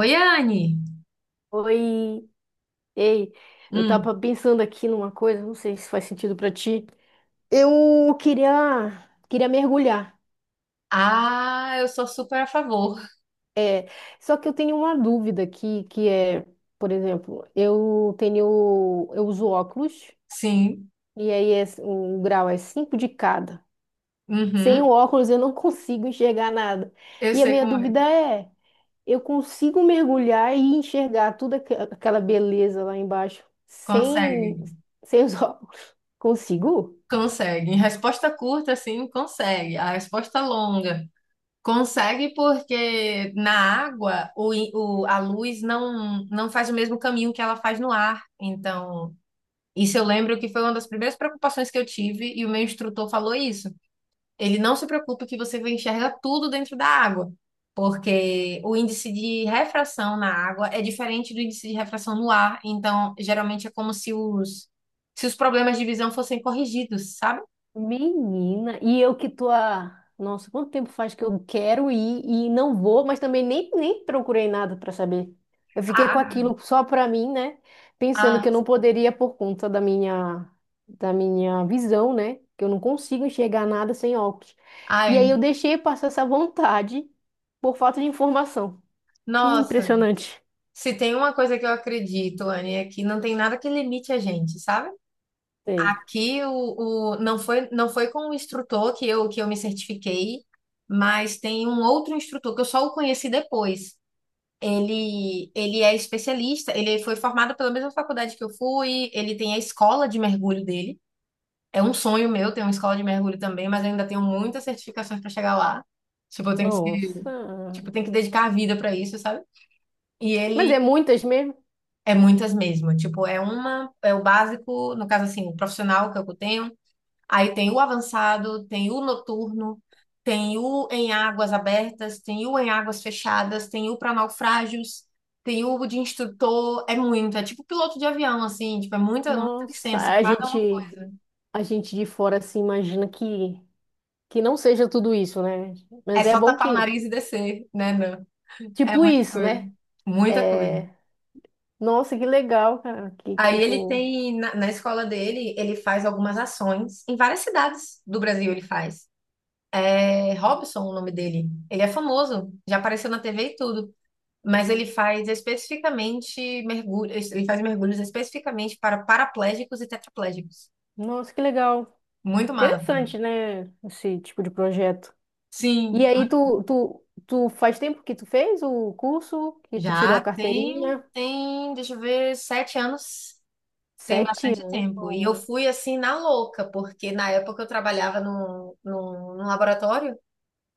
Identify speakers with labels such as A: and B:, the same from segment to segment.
A: Oi, Anne.
B: Oi, ei, eu
A: Hum.
B: tava pensando aqui numa coisa, não sei se faz sentido pra ti. Eu queria mergulhar.
A: Ah, eu sou super a favor.
B: É, só que eu tenho uma dúvida aqui, que é, por exemplo, eu uso óculos
A: Sim.
B: e aí um grau é 5 de cada. Sem o
A: Uhum.
B: óculos eu não consigo enxergar nada.
A: Eu
B: E a
A: sei
B: minha
A: como é.
B: dúvida é, eu consigo mergulhar e enxergar toda aquela beleza lá embaixo
A: Consegue.
B: sem, sem os óculos? Consigo?
A: Consegue. Em resposta curta, sim, consegue. A resposta longa. Consegue porque na água a luz não faz o mesmo caminho que ela faz no ar. Então, isso eu lembro que foi uma das primeiras preocupações que eu tive e o meu instrutor falou isso. Ele não se preocupa que você enxerga tudo dentro da água, porque o índice de refração na água é diferente do índice de refração no ar. Então, geralmente é como se os problemas de visão fossem corrigidos, sabe?
B: Menina, e eu que tô a... Nossa, quanto tempo faz que eu quero ir e não vou, mas também nem procurei nada para saber. Eu fiquei com
A: Ah,
B: aquilo só para mim, né? Pensando que
A: ah,
B: eu
A: ah,
B: não poderia por conta da minha visão, né? Que eu não consigo enxergar nada sem óculos. E aí
A: ai,
B: eu deixei passar essa vontade por falta de informação. Que
A: nossa.
B: impressionante.
A: Se tem uma coisa que eu acredito, Anne, é que não tem nada que limite a gente, sabe?
B: Sei.
A: Aqui o não foi com o instrutor que eu me certifiquei, mas tem um outro instrutor que eu só o conheci depois. Ele é especialista, ele foi formado pela mesma faculdade que eu fui, ele tem a escola de mergulho dele. É um sonho meu ter uma escola de mergulho também, mas eu ainda tenho muitas certificações para chegar lá. Tipo, eu tenho que ser,
B: Nossa.
A: tipo, eu tenho que dedicar a vida para isso, sabe? E
B: Mas é
A: ele
B: muitas mesmo?
A: é muitas mesmo, tipo, é o básico, no caso assim, o profissional que eu tenho. Aí tem o avançado, tem o noturno, tem o em águas abertas, tem o em águas fechadas, tem o para naufrágios, tem o de instrutor. É muito, é tipo piloto de avião, assim, tipo, é muita, muita
B: Nossa,
A: licença, cada uma coisa.
B: a gente de fora se imagina que não seja tudo isso, né?
A: É
B: Mas é
A: só
B: bom
A: tapar o
B: que,
A: nariz e descer, né? Não. É
B: tipo
A: muita
B: isso,
A: coisa.
B: né?
A: Muita coisa.
B: É, nossa, que legal, cara, que
A: Aí ele
B: tu...
A: tem, na escola dele, ele faz algumas ações em várias cidades do Brasil, ele faz. É Robson o nome dele. Ele é famoso, já apareceu na TV e tudo. Mas ele faz especificamente mergulhos, ele faz mergulhos especificamente para paraplégicos e tetraplégicos.
B: Nossa, que legal.
A: Muito massa.
B: Interessante, né? Esse tipo de projeto. E
A: Sim,
B: aí, tu faz tempo que tu fez o curso, que tu tirou a
A: já tem,
B: carteirinha?
A: tem, deixa eu ver, 7 anos, tem
B: Sete
A: bastante
B: anos.
A: tempo. E eu fui assim na louca, porque na época eu trabalhava num laboratório,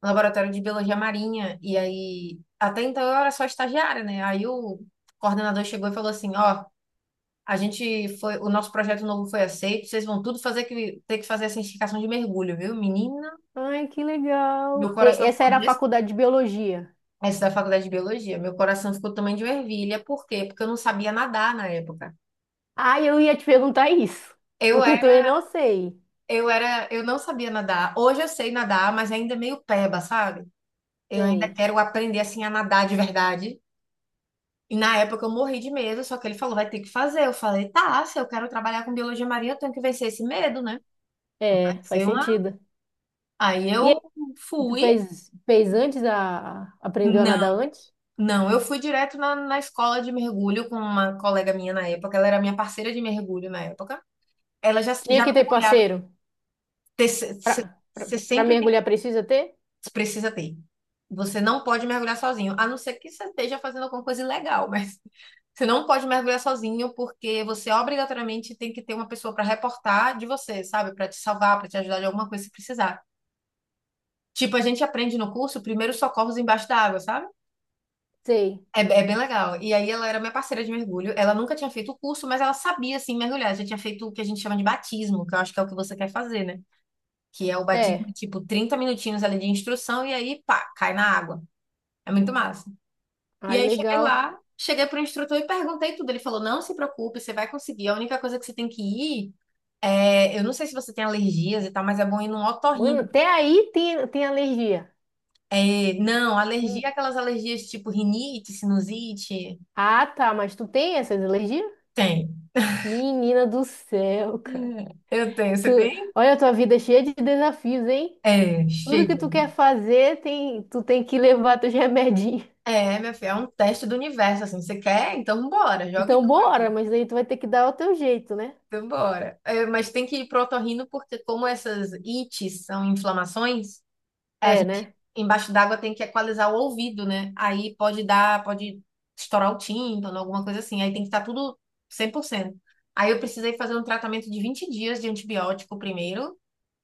A: um laboratório de biologia marinha, e aí até então eu era só estagiária, né? Aí o coordenador chegou e falou assim, ó, a gente foi, o nosso projeto novo foi aceito. Vocês vão tudo fazer que ter que fazer a certificação de mergulho, viu? Menina,
B: Ai, que
A: meu
B: legal. E-
A: coração
B: essa
A: ficou
B: era a
A: desse,
B: faculdade de biologia.
A: essa da faculdade de biologia. Meu coração ficou também de ervilha. Por quê? Porque eu não sabia nadar na época.
B: Ah, eu ia te perguntar isso,
A: Eu
B: porque eu também
A: era,
B: não sei.
A: eu não sabia nadar. Hoje eu sei nadar, mas é ainda meio peba, sabe? Eu ainda
B: Sei.
A: quero aprender assim a nadar de verdade. E na época eu morri de medo, só que ele falou, vai ter que fazer. Eu falei, tá, se eu quero trabalhar com biologia marinha, eu tenho que vencer esse medo, né? Vai
B: É, faz
A: ser uma...
B: sentido.
A: Aí
B: E aí,
A: eu fui,
B: fez antes a, aprendeu a
A: não.
B: nadar antes?
A: Não, eu fui direto na escola de mergulho com uma colega minha na época. Ela era minha parceira de mergulho na época. Ela já,
B: Tinha
A: já
B: que ter
A: mergulhava.
B: parceiro. Pra, pra,
A: Você
B: pra
A: sempre tem,
B: mergulhar precisa ter?
A: precisa ter. Você não pode mergulhar sozinho, a não ser que você esteja fazendo alguma coisa ilegal, mas você não pode mergulhar sozinho porque você obrigatoriamente tem que ter uma pessoa para reportar de você, sabe? Para te salvar, para te ajudar de alguma coisa se precisar. Tipo, a gente aprende no curso primeiros socorros embaixo da água, sabe?
B: Sei.
A: É bem legal. E aí ela era minha parceira de mergulho. Ela nunca tinha feito o curso, mas ela sabia assim mergulhar. Já tinha feito o que a gente chama de batismo, que eu acho que é o que você quer fazer, né? Que é o batismo,
B: É.
A: tipo, 30 minutinhos ali de instrução e aí, pá, cai na água. É muito massa. E
B: Ai,
A: aí cheguei
B: legal.
A: lá, cheguei pro instrutor e perguntei tudo. Ele falou: "Não se preocupe, você vai conseguir. A única coisa que você tem que ir é, eu não sei se você tem alergias e tal, mas é bom ir num
B: Mano,
A: otorrino."
B: até aí tem alergia.
A: É, não, alergia, é
B: Men-
A: aquelas alergias tipo rinite, sinusite,
B: Ah, tá, mas tu tem essas alergias?
A: tem.
B: Menina do céu, cara.
A: Eu tenho, você
B: Tu,
A: tem?
B: olha a tua vida cheia de desafios, hein?
A: É,
B: Tudo
A: chega.
B: que tu quer fazer, tem, tu tem que levar teus remedinhos.
A: É, minha filha, é um teste do universo, assim. Você quer? Então bora, joga e
B: Então, bora, mas aí tu vai ter que dar o teu jeito, né?
A: então bora. É, mas tem que ir pro otorrino, porque como essas ites são inflamações, a
B: É,
A: gente
B: né?
A: embaixo d'água tem que equalizar o ouvido, né? Aí pode dar, pode estourar o tímpano, alguma coisa assim. Aí tem que estar tudo 100%. Aí eu precisei fazer um tratamento de 20 dias de antibiótico primeiro,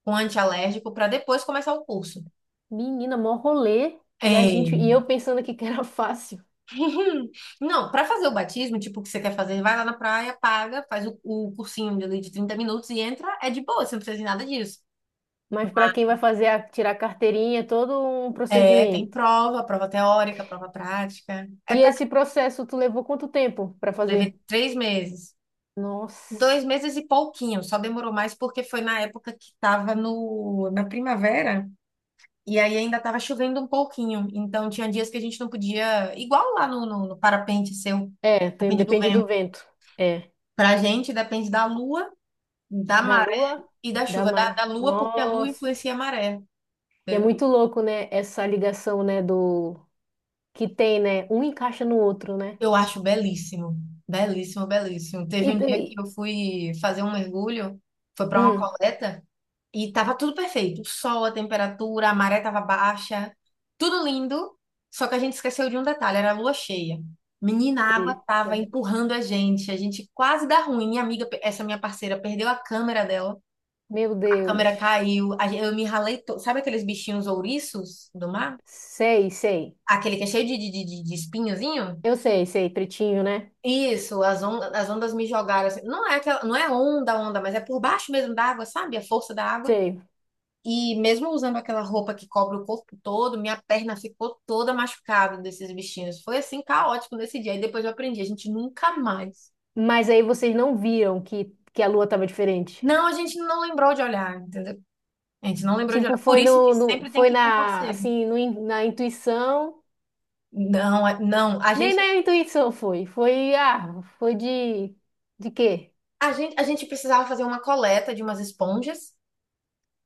A: com antialérgico, para depois começar o curso.
B: Menina, mó rolê. E a
A: É,
B: gente, e eu pensando aqui que era fácil.
A: uhum. Não, para fazer o batismo, tipo, o que você quer fazer, vai lá na praia, paga, faz o cursinho ali de 30 minutos e entra, é de boa, você não precisa de nada disso.
B: Mas para quem vai fazer a, tirar a carteirinha, é todo um
A: É, tem
B: procedimento.
A: prova, prova teórica, prova prática. É
B: E
A: pra
B: esse processo, tu levou quanto tempo para fazer?
A: Levei 3 meses. Dois
B: Nossa.
A: meses e pouquinho, só demorou mais porque foi na época que tava no, na primavera e aí ainda tava chovendo um pouquinho. Então tinha dias que a gente não podia, igual lá no parapente seu,
B: É, tem-
A: depende do
B: depende
A: vento.
B: do vento. É.
A: Pra gente depende da lua,
B: Da
A: da
B: lua,
A: e da
B: da
A: chuva, da,
B: maré.
A: da lua, porque a lua
B: Nossa.
A: influencia a maré,
B: E é
A: entendeu?
B: muito louco, né? Essa ligação, né? Do que tem, né? Um encaixa no outro, né?
A: Eu acho belíssimo, belíssimo, belíssimo. Teve um dia
B: E-
A: que eu fui fazer um mergulho, foi para uma
B: hum,
A: coleta, e tava tudo perfeito. O sol, a temperatura, a maré tava baixa, tudo lindo, só que a gente esqueceu de um detalhe, era a lua cheia. Menina, a água
B: eita.
A: tava empurrando a gente quase dá ruim. Minha amiga, essa minha parceira, perdeu a câmera dela,
B: Meu
A: a
B: Deus.
A: câmera caiu, eu me ralei, sabe aqueles bichinhos ouriços do mar?
B: Sei, sei.
A: Aquele que é cheio de espinhozinho?
B: Eu sei, sei. Pretinho, né?
A: Isso, as ondas me jogaram assim. Não é aquela, não é onda, onda, mas é por baixo mesmo da água, sabe? A força da água.
B: Sei.
A: E mesmo usando aquela roupa que cobre o corpo todo, minha perna ficou toda machucada desses bichinhos. Foi assim caótico nesse dia. E depois eu aprendi, a gente nunca mais.
B: Mas aí vocês não viram que a lua tava diferente.
A: Não, a gente não lembrou de olhar, entendeu? A gente não lembrou de
B: Tipo,
A: olhar. Por isso que sempre tem
B: foi
A: que ir com
B: na,
A: parceiro.
B: assim, na intuição.
A: Não, não, a
B: Nem
A: gente,
B: na intuição foi. Foi, ah, foi de quê?
A: a gente, a gente precisava fazer uma coleta de umas esponjas.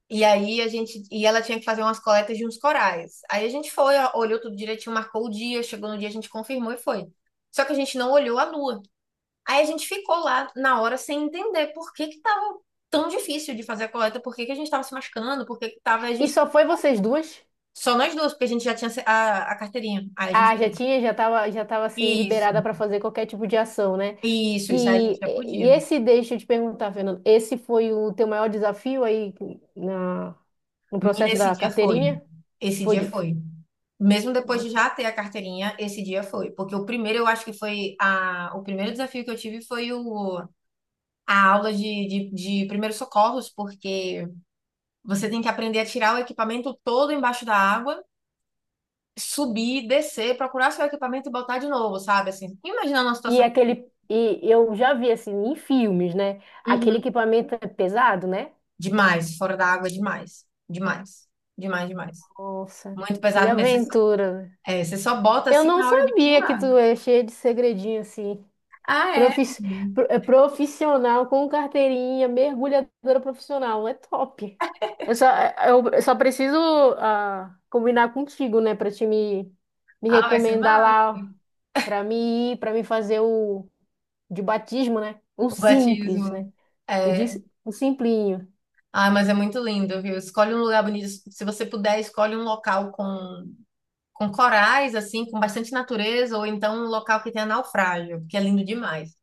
A: E aí a gente, e ela tinha que fazer umas coletas de uns corais. Aí a gente foi, ó, olhou tudo direitinho, marcou o dia, chegou no dia, a gente confirmou e foi. Só que a gente não olhou a lua. Aí a gente ficou lá na hora sem entender por que que tava tão difícil de fazer a coleta, por que que a gente tava se machucando, por que que tava a
B: E
A: gente
B: só foi vocês duas?
A: só nós duas, porque a gente já tinha a carteirinha. Aí a gente,
B: Ah, já tinha, já tava assim,
A: isso,
B: liberada para fazer qualquer tipo de ação, né?
A: isso, aí a gente
B: E,
A: já
B: e
A: podia.
B: esse, deixa eu te perguntar, Fernando, esse foi o teu maior desafio aí na, no
A: Menina,
B: processo
A: esse
B: da
A: dia foi.
B: carteirinha?
A: Esse
B: Foi
A: dia
B: de,
A: foi. Mesmo depois de
B: nossa.
A: já ter a carteirinha, esse dia foi. Porque o primeiro, eu acho que o primeiro desafio que eu tive a aula de primeiros socorros, porque você tem que aprender a tirar o equipamento todo embaixo da água, subir, descer, procurar seu equipamento e botar de novo, sabe? Assim, imaginando uma
B: E
A: situação...
B: aquele, e eu já vi assim em filmes, né? Aquele
A: Uhum.
B: equipamento é pesado, né?
A: Demais, fora da água, demais. Demais. Demais, demais.
B: Nossa,
A: Muito
B: que
A: pesado mesmo. Você só,
B: aventura.
A: é, você só bota
B: Eu
A: assim
B: não
A: na hora de
B: sabia que
A: pular.
B: tu é cheio de segredinho assim.
A: Ah, é?
B: Profis- Profissional com carteirinha, mergulhadora profissional, é top. Eu só, é, eu só preciso ah, combinar contigo, né, pra me
A: Ah, vai ser
B: recomendar
A: massa.
B: lá pra mim ir, para mim fazer o de batismo, né? O
A: O
B: simples, né?
A: batismo.
B: O de,
A: É...
B: o simplinho.
A: Ah, mas é muito lindo, viu? Escolhe um lugar bonito. Se você puder, escolhe um local com corais, assim, com bastante natureza, ou então um local que tenha naufrágio, que é lindo demais.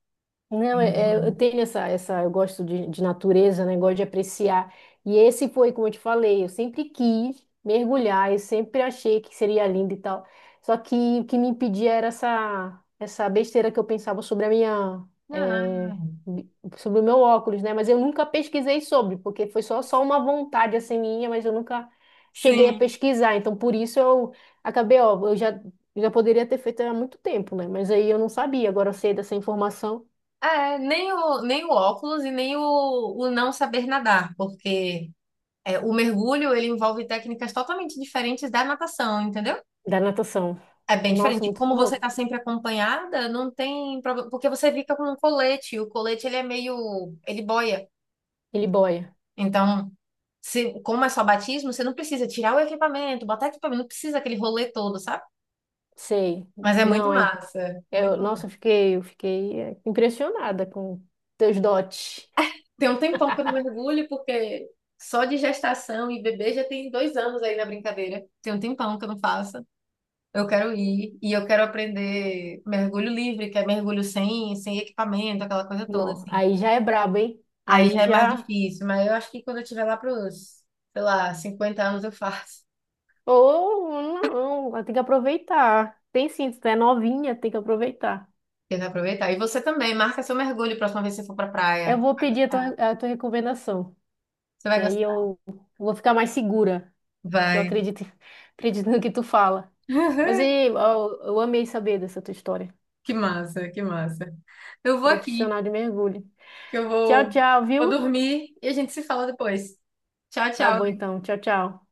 B: Não, é-
A: Lindo
B: é, eu
A: demais.
B: tenho essa, essa, eu gosto de natureza, né? Gosto de apreciar. E esse foi, como eu te falei, eu sempre quis mergulhar, eu sempre achei que seria lindo e tal. Só que o que me impedia era essa besteira que eu pensava sobre a minha, é,
A: Ah,
B: bi- sobre o meu óculos, né? Mas eu nunca pesquisei sobre, porque foi só, só uma vontade assim minha, mas eu nunca cheguei a
A: sim.
B: pesquisar. Então, por isso eu acabei, ó, eu já, já poderia ter feito há muito tempo, né? Mas aí eu não sabia, agora eu sei dessa informação.
A: É, nem o óculos e nem o não saber nadar, porque é, o mergulho ele envolve técnicas totalmente diferentes da natação, entendeu?
B: Da natação.
A: É bem
B: Nossa, é
A: diferente. E
B: muito
A: como você tá
B: louco.
A: sempre acompanhada, não tem problema, porque você fica com um colete, e o colete ele é meio, ele boia.
B: Ele boia,
A: Então, se, como é só batismo, você não precisa tirar o equipamento, botar equipamento, não precisa aquele rolê todo, sabe?
B: sei.
A: Mas é muito
B: Não, hein?
A: massa. Muito
B: Eu, nossa,
A: massa.
B: eu fiquei é, impressionada com teus dotes.
A: Tem um tempão que eu não mergulho, porque só de gestação e bebê já tem 2 anos aí na brincadeira. Tem um tempão que eu não faço. Eu quero ir e eu quero aprender mergulho livre, que é mergulho sem equipamento, aquela coisa toda,
B: Não,
A: assim.
B: aí já é brabo, hein?
A: Aí
B: Aí
A: já é mais
B: já.
A: difícil, mas eu acho que quando eu tiver lá pros, sei lá, 50 anos eu faço.
B: Oh, não, ela tem que aproveitar. Tem sim, se tu é novinha, tem que aproveitar.
A: Tem aproveitar. E você também, marca seu mergulho a próxima vez que você for pra praia.
B: Eu vou
A: Vai
B: pedir
A: gostar.
B: a tua recomendação,
A: Você
B: que
A: vai
B: aí
A: gostar.
B: eu vou ficar mais segura, que eu
A: Vai.
B: acredito, acredito no que tu fala. Mas e, eu, eu amei saber dessa tua história.
A: Que massa, que massa. Eu vou aqui,
B: Profissional de mergulho.
A: que eu
B: Tchau,
A: vou,
B: tchau,
A: vou
B: viu?
A: dormir e a gente se fala depois. Tchau,
B: Tá bom
A: tchau.
B: então. Tchau, tchau.